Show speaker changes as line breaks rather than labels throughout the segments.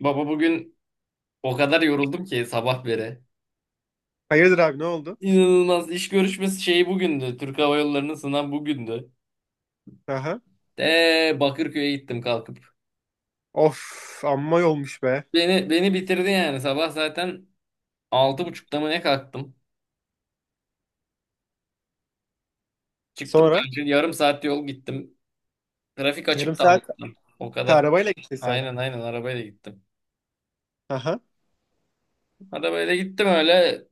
Baba bugün o kadar yoruldum ki sabah beri.
Hayırdır abi ne oldu?
İnanılmaz iş görüşmesi şeyi bugündü. Türk Hava Yolları'nın sınav bugündü.
Aha.
De Bakırköy'e gittim kalkıp.
Of amma yolmuş be.
Beni bitirdi yani sabah zaten 6.30'da mı ne kalktım. Çıktım
Sonra
kanka yarım saat yol gittim. Trafik
yarım
açıktı
saat
Allah'tan. O
ha,
kadar
arabayla gittin sen.
aynen aynen arabayla gittim.
Aha.
Arabayla gittim öyle.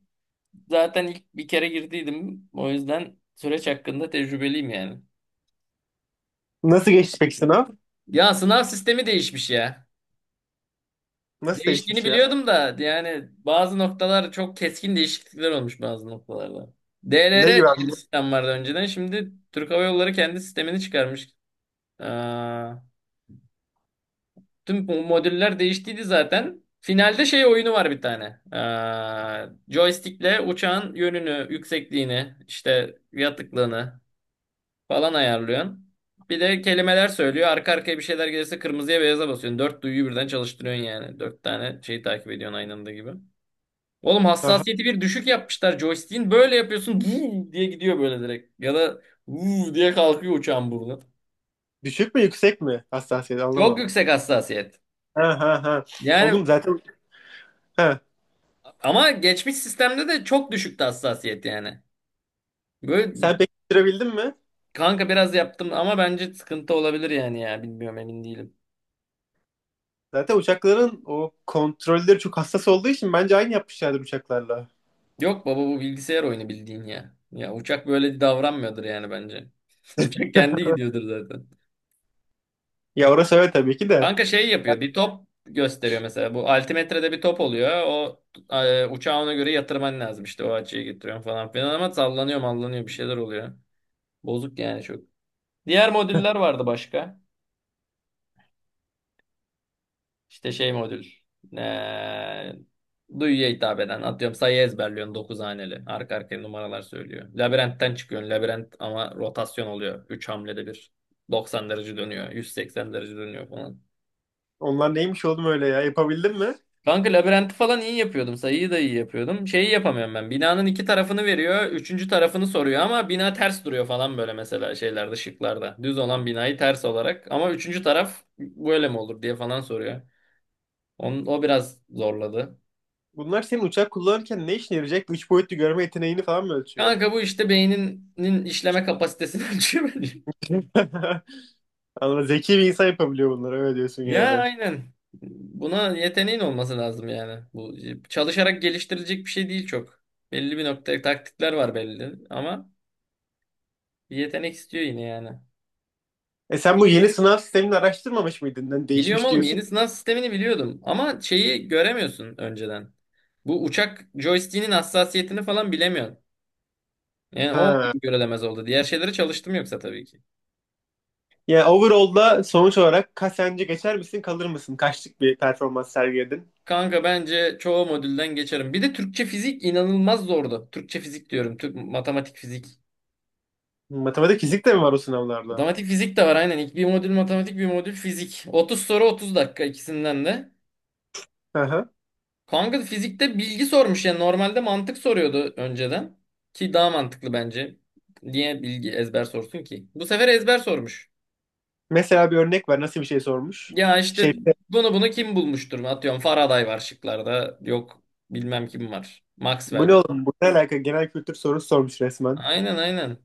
Zaten ilk bir kere girdiydim. O yüzden süreç hakkında tecrübeliyim yani.
Nasıl geçti peki sınav?
Ya sınav sistemi değişmiş ya.
Nasıl
Değiştiğini
değişmiş ya?
biliyordum da yani bazı noktalar çok keskin değişiklikler olmuş bazı noktalarda. DLR
Ne
diye
gibi abi?
bir sistem vardı önceden. Şimdi Türk Hava Yolları kendi sistemini çıkarmış. Aa, tüm bu modüller değiştiydi zaten. Finalde şey oyunu var bir tane. Aa, joystickle uçağın yönünü, yüksekliğini, işte yatıklığını falan ayarlıyorsun. Bir de kelimeler söylüyor. Arka arkaya bir şeyler gelirse kırmızıya beyaza basıyorsun. Dört duyuyu birden çalıştırıyorsun yani. Dört tane şeyi takip ediyorsun aynı anda gibi. Oğlum
Aha.
hassasiyeti bir düşük yapmışlar joystick'in. Böyle yapıyorsun, "Vuu" diye gidiyor böyle direkt. Ya da "Vuu" diye kalkıyor uçağın burnu.
Düşük mü yüksek mi? Hassasiyet
Çok
anlamadım.
yüksek hassasiyet.
Ha ha ha.
Yani
Oğlum zaten ha.
ama geçmiş sistemde de çok düşüktü hassasiyet yani. Böyle
Sen peki bitirebildin mi?
kanka biraz yaptım ama bence sıkıntı olabilir yani ya. Bilmiyorum, emin değilim.
Zaten uçakların o kontrolleri çok hassas olduğu için bence aynı yapmışlardır uçaklarla.
Yok baba, bu bilgisayar oyunu bildiğin ya. Ya uçak böyle davranmıyordur yani bence. Uçak kendi gidiyordur zaten.
Ya orası öyle tabii ki de.
Kanka şey yapıyor. Bir top gösteriyor mesela. Bu altimetrede bir top oluyor. Uçağı ona göre yatırman lazım. İşte o açıyı getiriyorum falan filan ama sallanıyor mallanıyor bir şeyler oluyor. Bozuk yani çok. Diğer modüller vardı başka. İşte şey modül. E, Duyuya hitap eden. Atıyorum sayı ezberliyorsun, 9 haneli. Arka arkaya numaralar söylüyor. Labirentten çıkıyorsun. Labirent ama rotasyon oluyor. 3 hamlede bir 90 derece dönüyor. 180 derece dönüyor falan.
Onlar neymiş oğlum öyle ya? Yapabildin mi?
Kanka labirenti falan iyi yapıyordum. Sayıyı da iyi yapıyordum. Şeyi yapamıyorum ben. Binanın iki tarafını veriyor. Üçüncü tarafını soruyor ama bina ters duruyor falan böyle mesela şeylerde, şıklarda. Düz olan binayı ters olarak. Ama üçüncü taraf böyle mi olur diye falan soruyor. O biraz zorladı.
Bunlar senin uçak kullanırken ne işine yarayacak? Üç boyutlu görme yeteneğini falan mı ölçüyor?
Kanka bu işte beyninin işleme kapasitesini ölçüyor bence.
Anladım. Zeki bir insan yapabiliyor bunları öyle diyorsun
Ya
yani.
aynen. Buna yeteneğin olması lazım yani. Bu çalışarak geliştirilecek bir şey değil çok. Belli bir nokta taktikler var belli ama bir yetenek istiyor yine yani.
E sen bu yeni sınav sistemini araştırmamış mıydın? Yani
Biliyorum
değişmiş
oğlum,
diyorsun.
yeni sınav sistemini biliyordum ama şeyi göremiyorsun önceden. Bu uçak joystick'inin hassasiyetini falan bilemiyorsun. Yani o
Ha.
görülemez oldu. Diğer şeyleri çalıştım yoksa tabii ki.
Yani overall'da sonuç olarak kaç sence geçer misin kalır mısın? Kaçlık bir performans sergiledin?
Kanka bence çoğu modülden geçerim. Bir de Türkçe fizik inanılmaz zordu. Türkçe fizik diyorum. Türk matematik fizik.
Matematik fizik de mi var o sınavlarda?
Matematik fizik de var aynen. İlk bir modül matematik, bir modül fizik. 30 soru 30 dakika ikisinden de.
Hı hı.
Kanka fizikte bilgi sormuş ya. Normalde mantık soruyordu önceden. Ki daha mantıklı bence. Niye bilgi ezber sorsun ki? Bu sefer ezber sormuş.
Mesela bir örnek ver nasıl bir şey sormuş?
Ya işte
Şey
bunu kim bulmuştur mu? Atıyorum Faraday var şıklarda. Yok bilmem kim var.
bu
Maxwell
ne
var.
oğlum? Bu ne alaka? Genel kültür sorusu sormuş resmen.
Aynen aynen.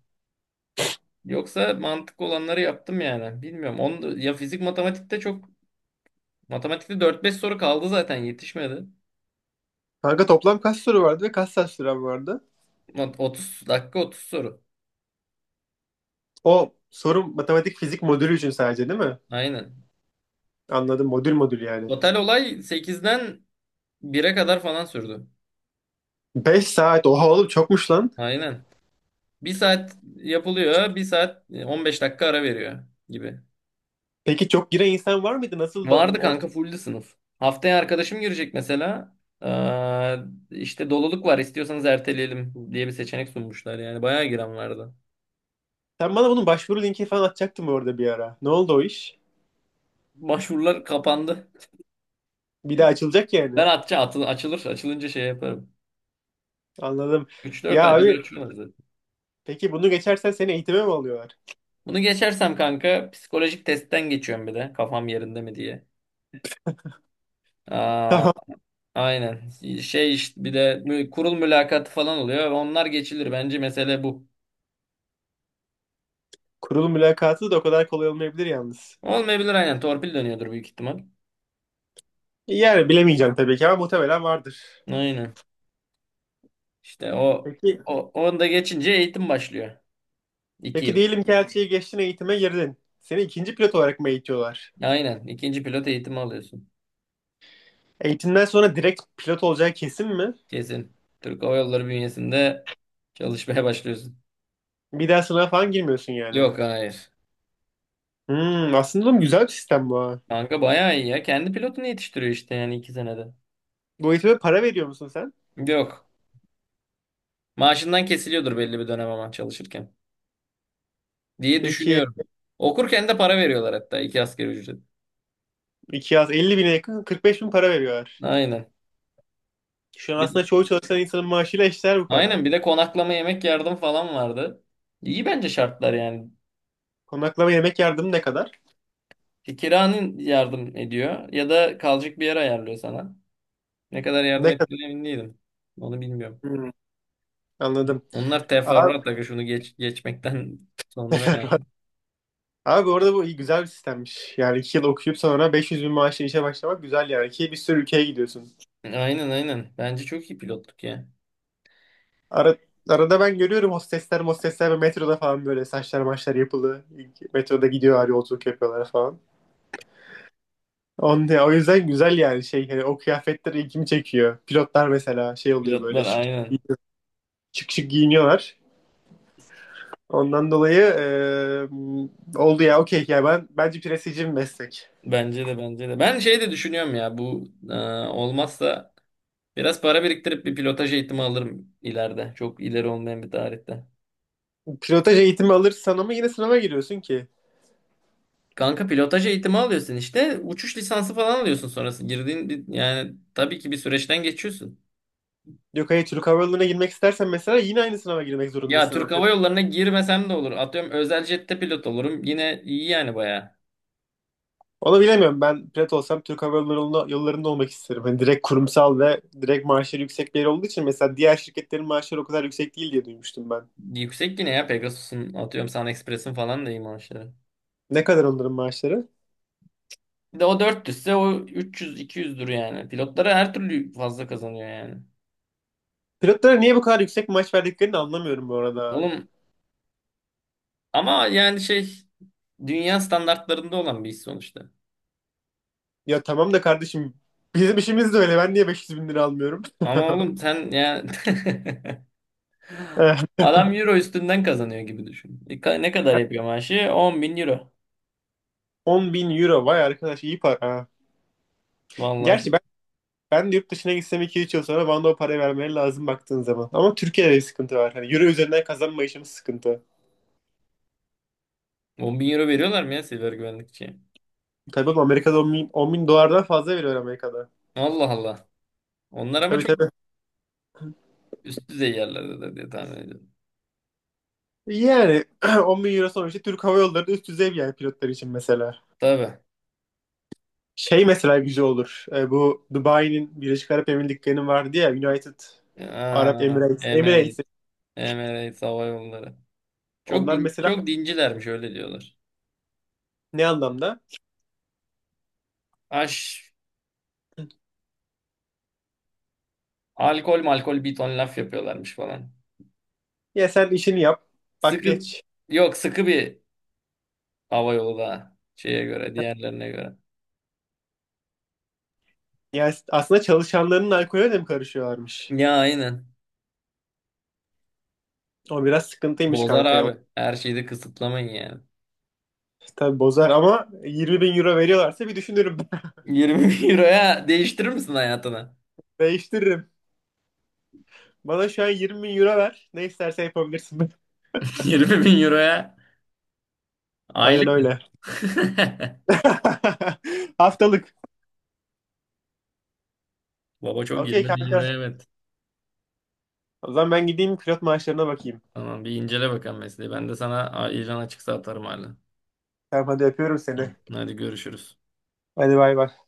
Yoksa mantıklı olanları yaptım yani. Bilmiyorum. Onu ya fizik matematikte çok, matematikte dört beş soru kaldı zaten, yetişmedi.
Kanka toplam kaç soru vardı ve kaç saat süren vardı?
30 dakika 30 soru.
O soru matematik fizik modülü için sadece değil mi?
Aynen.
Anladım, modül modül yani.
Total olay sekizden bire kadar falan sürdü.
5 saat, oha oğlum çokmuş lan.
Aynen. Bir saat yapılıyor. Bir saat 15 dakika ara veriyor gibi.
Peki çok giren insan var mıydı? Nasıl da
Vardı kanka,
ortam?
fulldü sınıf. Haftaya arkadaşım girecek mesela. Ee, işte doluluk var, istiyorsanız erteleyelim diye bir seçenek sunmuşlar. Yani bayağı giren vardı.
Sen bana bunun başvuru linki falan atacaktın orada bir ara. Ne oldu o iş?
Başvurular kapandı.
Bir daha açılacak yani.
Ben atça atıl açılır. Açılınca şey yaparım.
Anladım.
Üç dört
Ya
ayda bir
abi
açıyorlar zaten.
peki bunu geçersen seni eğitime mi alıyorlar?
Bunu geçersem kanka psikolojik testten geçiyorum bir de. Kafam yerinde mi diye. Ee,
Tamam.
Aynen. Şey işte bir de kurul mülakatı falan oluyor. Onlar geçilir. Bence mesele bu.
Kurul mülakatı da o kadar kolay olmayabilir yalnız.
Olmayabilir aynen. Torpil dönüyordur büyük ihtimal.
Yani bilemeyeceğim tabii ki ama muhtemelen vardır.
Aynen. İşte o,
Peki,
o onu da geçince eğitim başlıyor. İki
peki,
yıl.
diyelim ki elçiye geçtin, eğitime girdin. Seni ikinci pilot olarak mı eğitiyorlar?
Aynen. İkinci pilot eğitimi alıyorsun.
Eğitimden sonra direkt pilot olacağı kesin mi?
Kesin. Türk Hava Yolları bünyesinde çalışmaya başlıyorsun.
Bir daha sınava falan girmiyorsun yani.
Yok, hayır.
Hmm, aslında oğlum güzel bir sistem bu ha.
Kanka bayağı iyi ya. Kendi pilotunu yetiştiriyor işte yani 2 senede.
Bu eğitime para veriyor musun sen?
Yok. Maaşından kesiliyordur belli bir dönem ama çalışırken. Diye
Peki
düşünüyorum. Okurken de para veriyorlar hatta, 2 asgari ücret.
2 yaz 50 bine yakın 45 bin para veriyorlar.
Aynen.
Şu an aslında
Bir,
çoğu çalışan insanın maaşıyla eşdeğer bu para.
aynen, bir de konaklama yemek yardım falan vardı. İyi bence şartlar yani.
Konaklama yemek yardımı ne kadar?
Kiranın yardım ediyor ya da kalacak bir yer ayarlıyor sana. Ne kadar yardım
Ne kadar?
ettiğine emin değilim. Onu bilmiyorum.
Hmm, anladım.
Onlar
Abi,
teferruat da şunu geçmekten sonra yani.
abi bu arada bu iyi, güzel bir sistemmiş. Yani 2 yıl okuyup sonra 500 bin maaşla işe başlamak güzel yani. Ki bir sürü ülkeye gidiyorsun.
Aynen aynen. Bence çok iyi pilotluk ya.
Ara, arada ben görüyorum, hostesler mostesler ve metroda falan böyle saçlar maçlar yapılı. Metroda gidiyorlar, yolculuk yapıyorlar falan. O yüzden güzel yani, şey hani o kıyafetler ilgimi çekiyor. Pilotlar mesela şey oluyor, böyle
Pilotlar
şık
aynen.
şık, şık giyiniyorlar. Ondan dolayı oldu ya, okey ya, ben bence prestijli bir meslek.
Bence de bence de. Ben şey de düşünüyorum ya, olmazsa biraz para biriktirip bir pilotaj eğitimi alırım ileride. Çok ileri olmayan bir tarihte.
Pilotaj eğitimi alırsan ama yine sınava giriyorsun ki.
Kanka pilotaj eğitimi alıyorsun işte. Uçuş lisansı falan alıyorsun sonrası. Yani tabii ki bir süreçten geçiyorsun.
Yok hayır, Türk Hava Yolları'na girmek istersen mesela yine aynı sınava girmek
Ya
zorundasın ama
Türk
pilot.
Hava Yolları'na girmesem de olur. Atıyorum özel jette pilot olurum. Yine iyi yani, bayağı.
Onu bilemiyorum, ben pilot olsam Türk Hava Yolları'nda, yollarında olmak isterim. Hani direkt kurumsal ve direkt maaşları yüksek bir yer olduğu için, mesela diğer şirketlerin maaşları o kadar yüksek değil diye duymuştum ben.
Yüksek yine ya, Pegasus'un atıyorum SunExpress'in falan da iyi maaşları.
Ne kadar onların maaşları?
Bir de o dört ise o 300-200'dür yani. Pilotlara her türlü fazla kazanıyor yani.
Pilotlara niye bu kadar yüksek maaş verdiklerini anlamıyorum bu arada.
Oğlum ama yani şey, dünya standartlarında olan bir iş sonuçta.
Ya tamam da kardeşim, bizim işimiz de öyle. Ben niye 500 bin lira almıyorum?
Ama oğlum sen yani adam euro üstünden kazanıyor gibi düşün. Ne kadar yapıyor maaşı? 10.000 euro.
10 bin euro, vay arkadaş, iyi para.
Vallahi
Gerçi
çok.
ben de yurt dışına gitsem iki üç yıl sonra bana da o parayı vermeleri lazım baktığın zaman. Ama Türkiye'de bir sıkıntı var. Hani euro üzerinden kazanma işimiz sıkıntı.
10 bin euro veriyorlar mı ya siber güvenlikçiye?
Tabii oğlum, Amerika'da 10 bin, 10 bin dolardan fazla veriyor Amerika'da.
Allah Allah. Onlar ama
Tabii
çok
tabii.
üst düzey yerlerde de diye tahmin ediyorum.
Yani 10 bin euro sonuçta, Türk Hava Yolları da üst düzey bir, yani pilotlar için mesela.
Tabii.
Şey mesela güzel olur. Bu Dubai'nin, Birleşik Arap Emirlikleri'nin vardı ya, United Arab
Aa,
Emirates.
Emirates.
Emirates.
Emirates Hava Yolları. Çok
Onlar
din,
mesela
çok dincilermiş, öyle diyorlar.
ne anlamda?
Aş, Alkol malkol bir ton laf yapıyorlarmış falan.
Ya sen işini yap. Bak
Sıkı,
geç.
Yok, sıkı bir hava yolu da şeye göre, diğerlerine göre.
Yani aslında çalışanların alkolüne de mi karışıyorlarmış?
Ya aynen.
O biraz sıkıntıymış
Bozar
kanka ya.
abi. Her şeyi de kısıtlamayın yani.
Tabii bozar ama 20 bin euro veriyorlarsa bir düşünürüm.
20 bin euroya değiştirir misin hayatını?
Değiştiririm. Bana şu an 20 bin euro ver. Ne istersen yapabilirsin.
20 bin euroya
Aynen
aylık.
öyle. Haftalık.
Baba çok,
Okey
20 bin
kanka.
euroya evet.
O zaman ben gideyim pilot maaşlarına bakayım.
Tamam, bir incele bakalım mesleği. Ben de sana ilan açıksa atarım hala.
Tamam hadi öpüyorum seni.
Hı, hadi görüşürüz.
Hadi bay bay.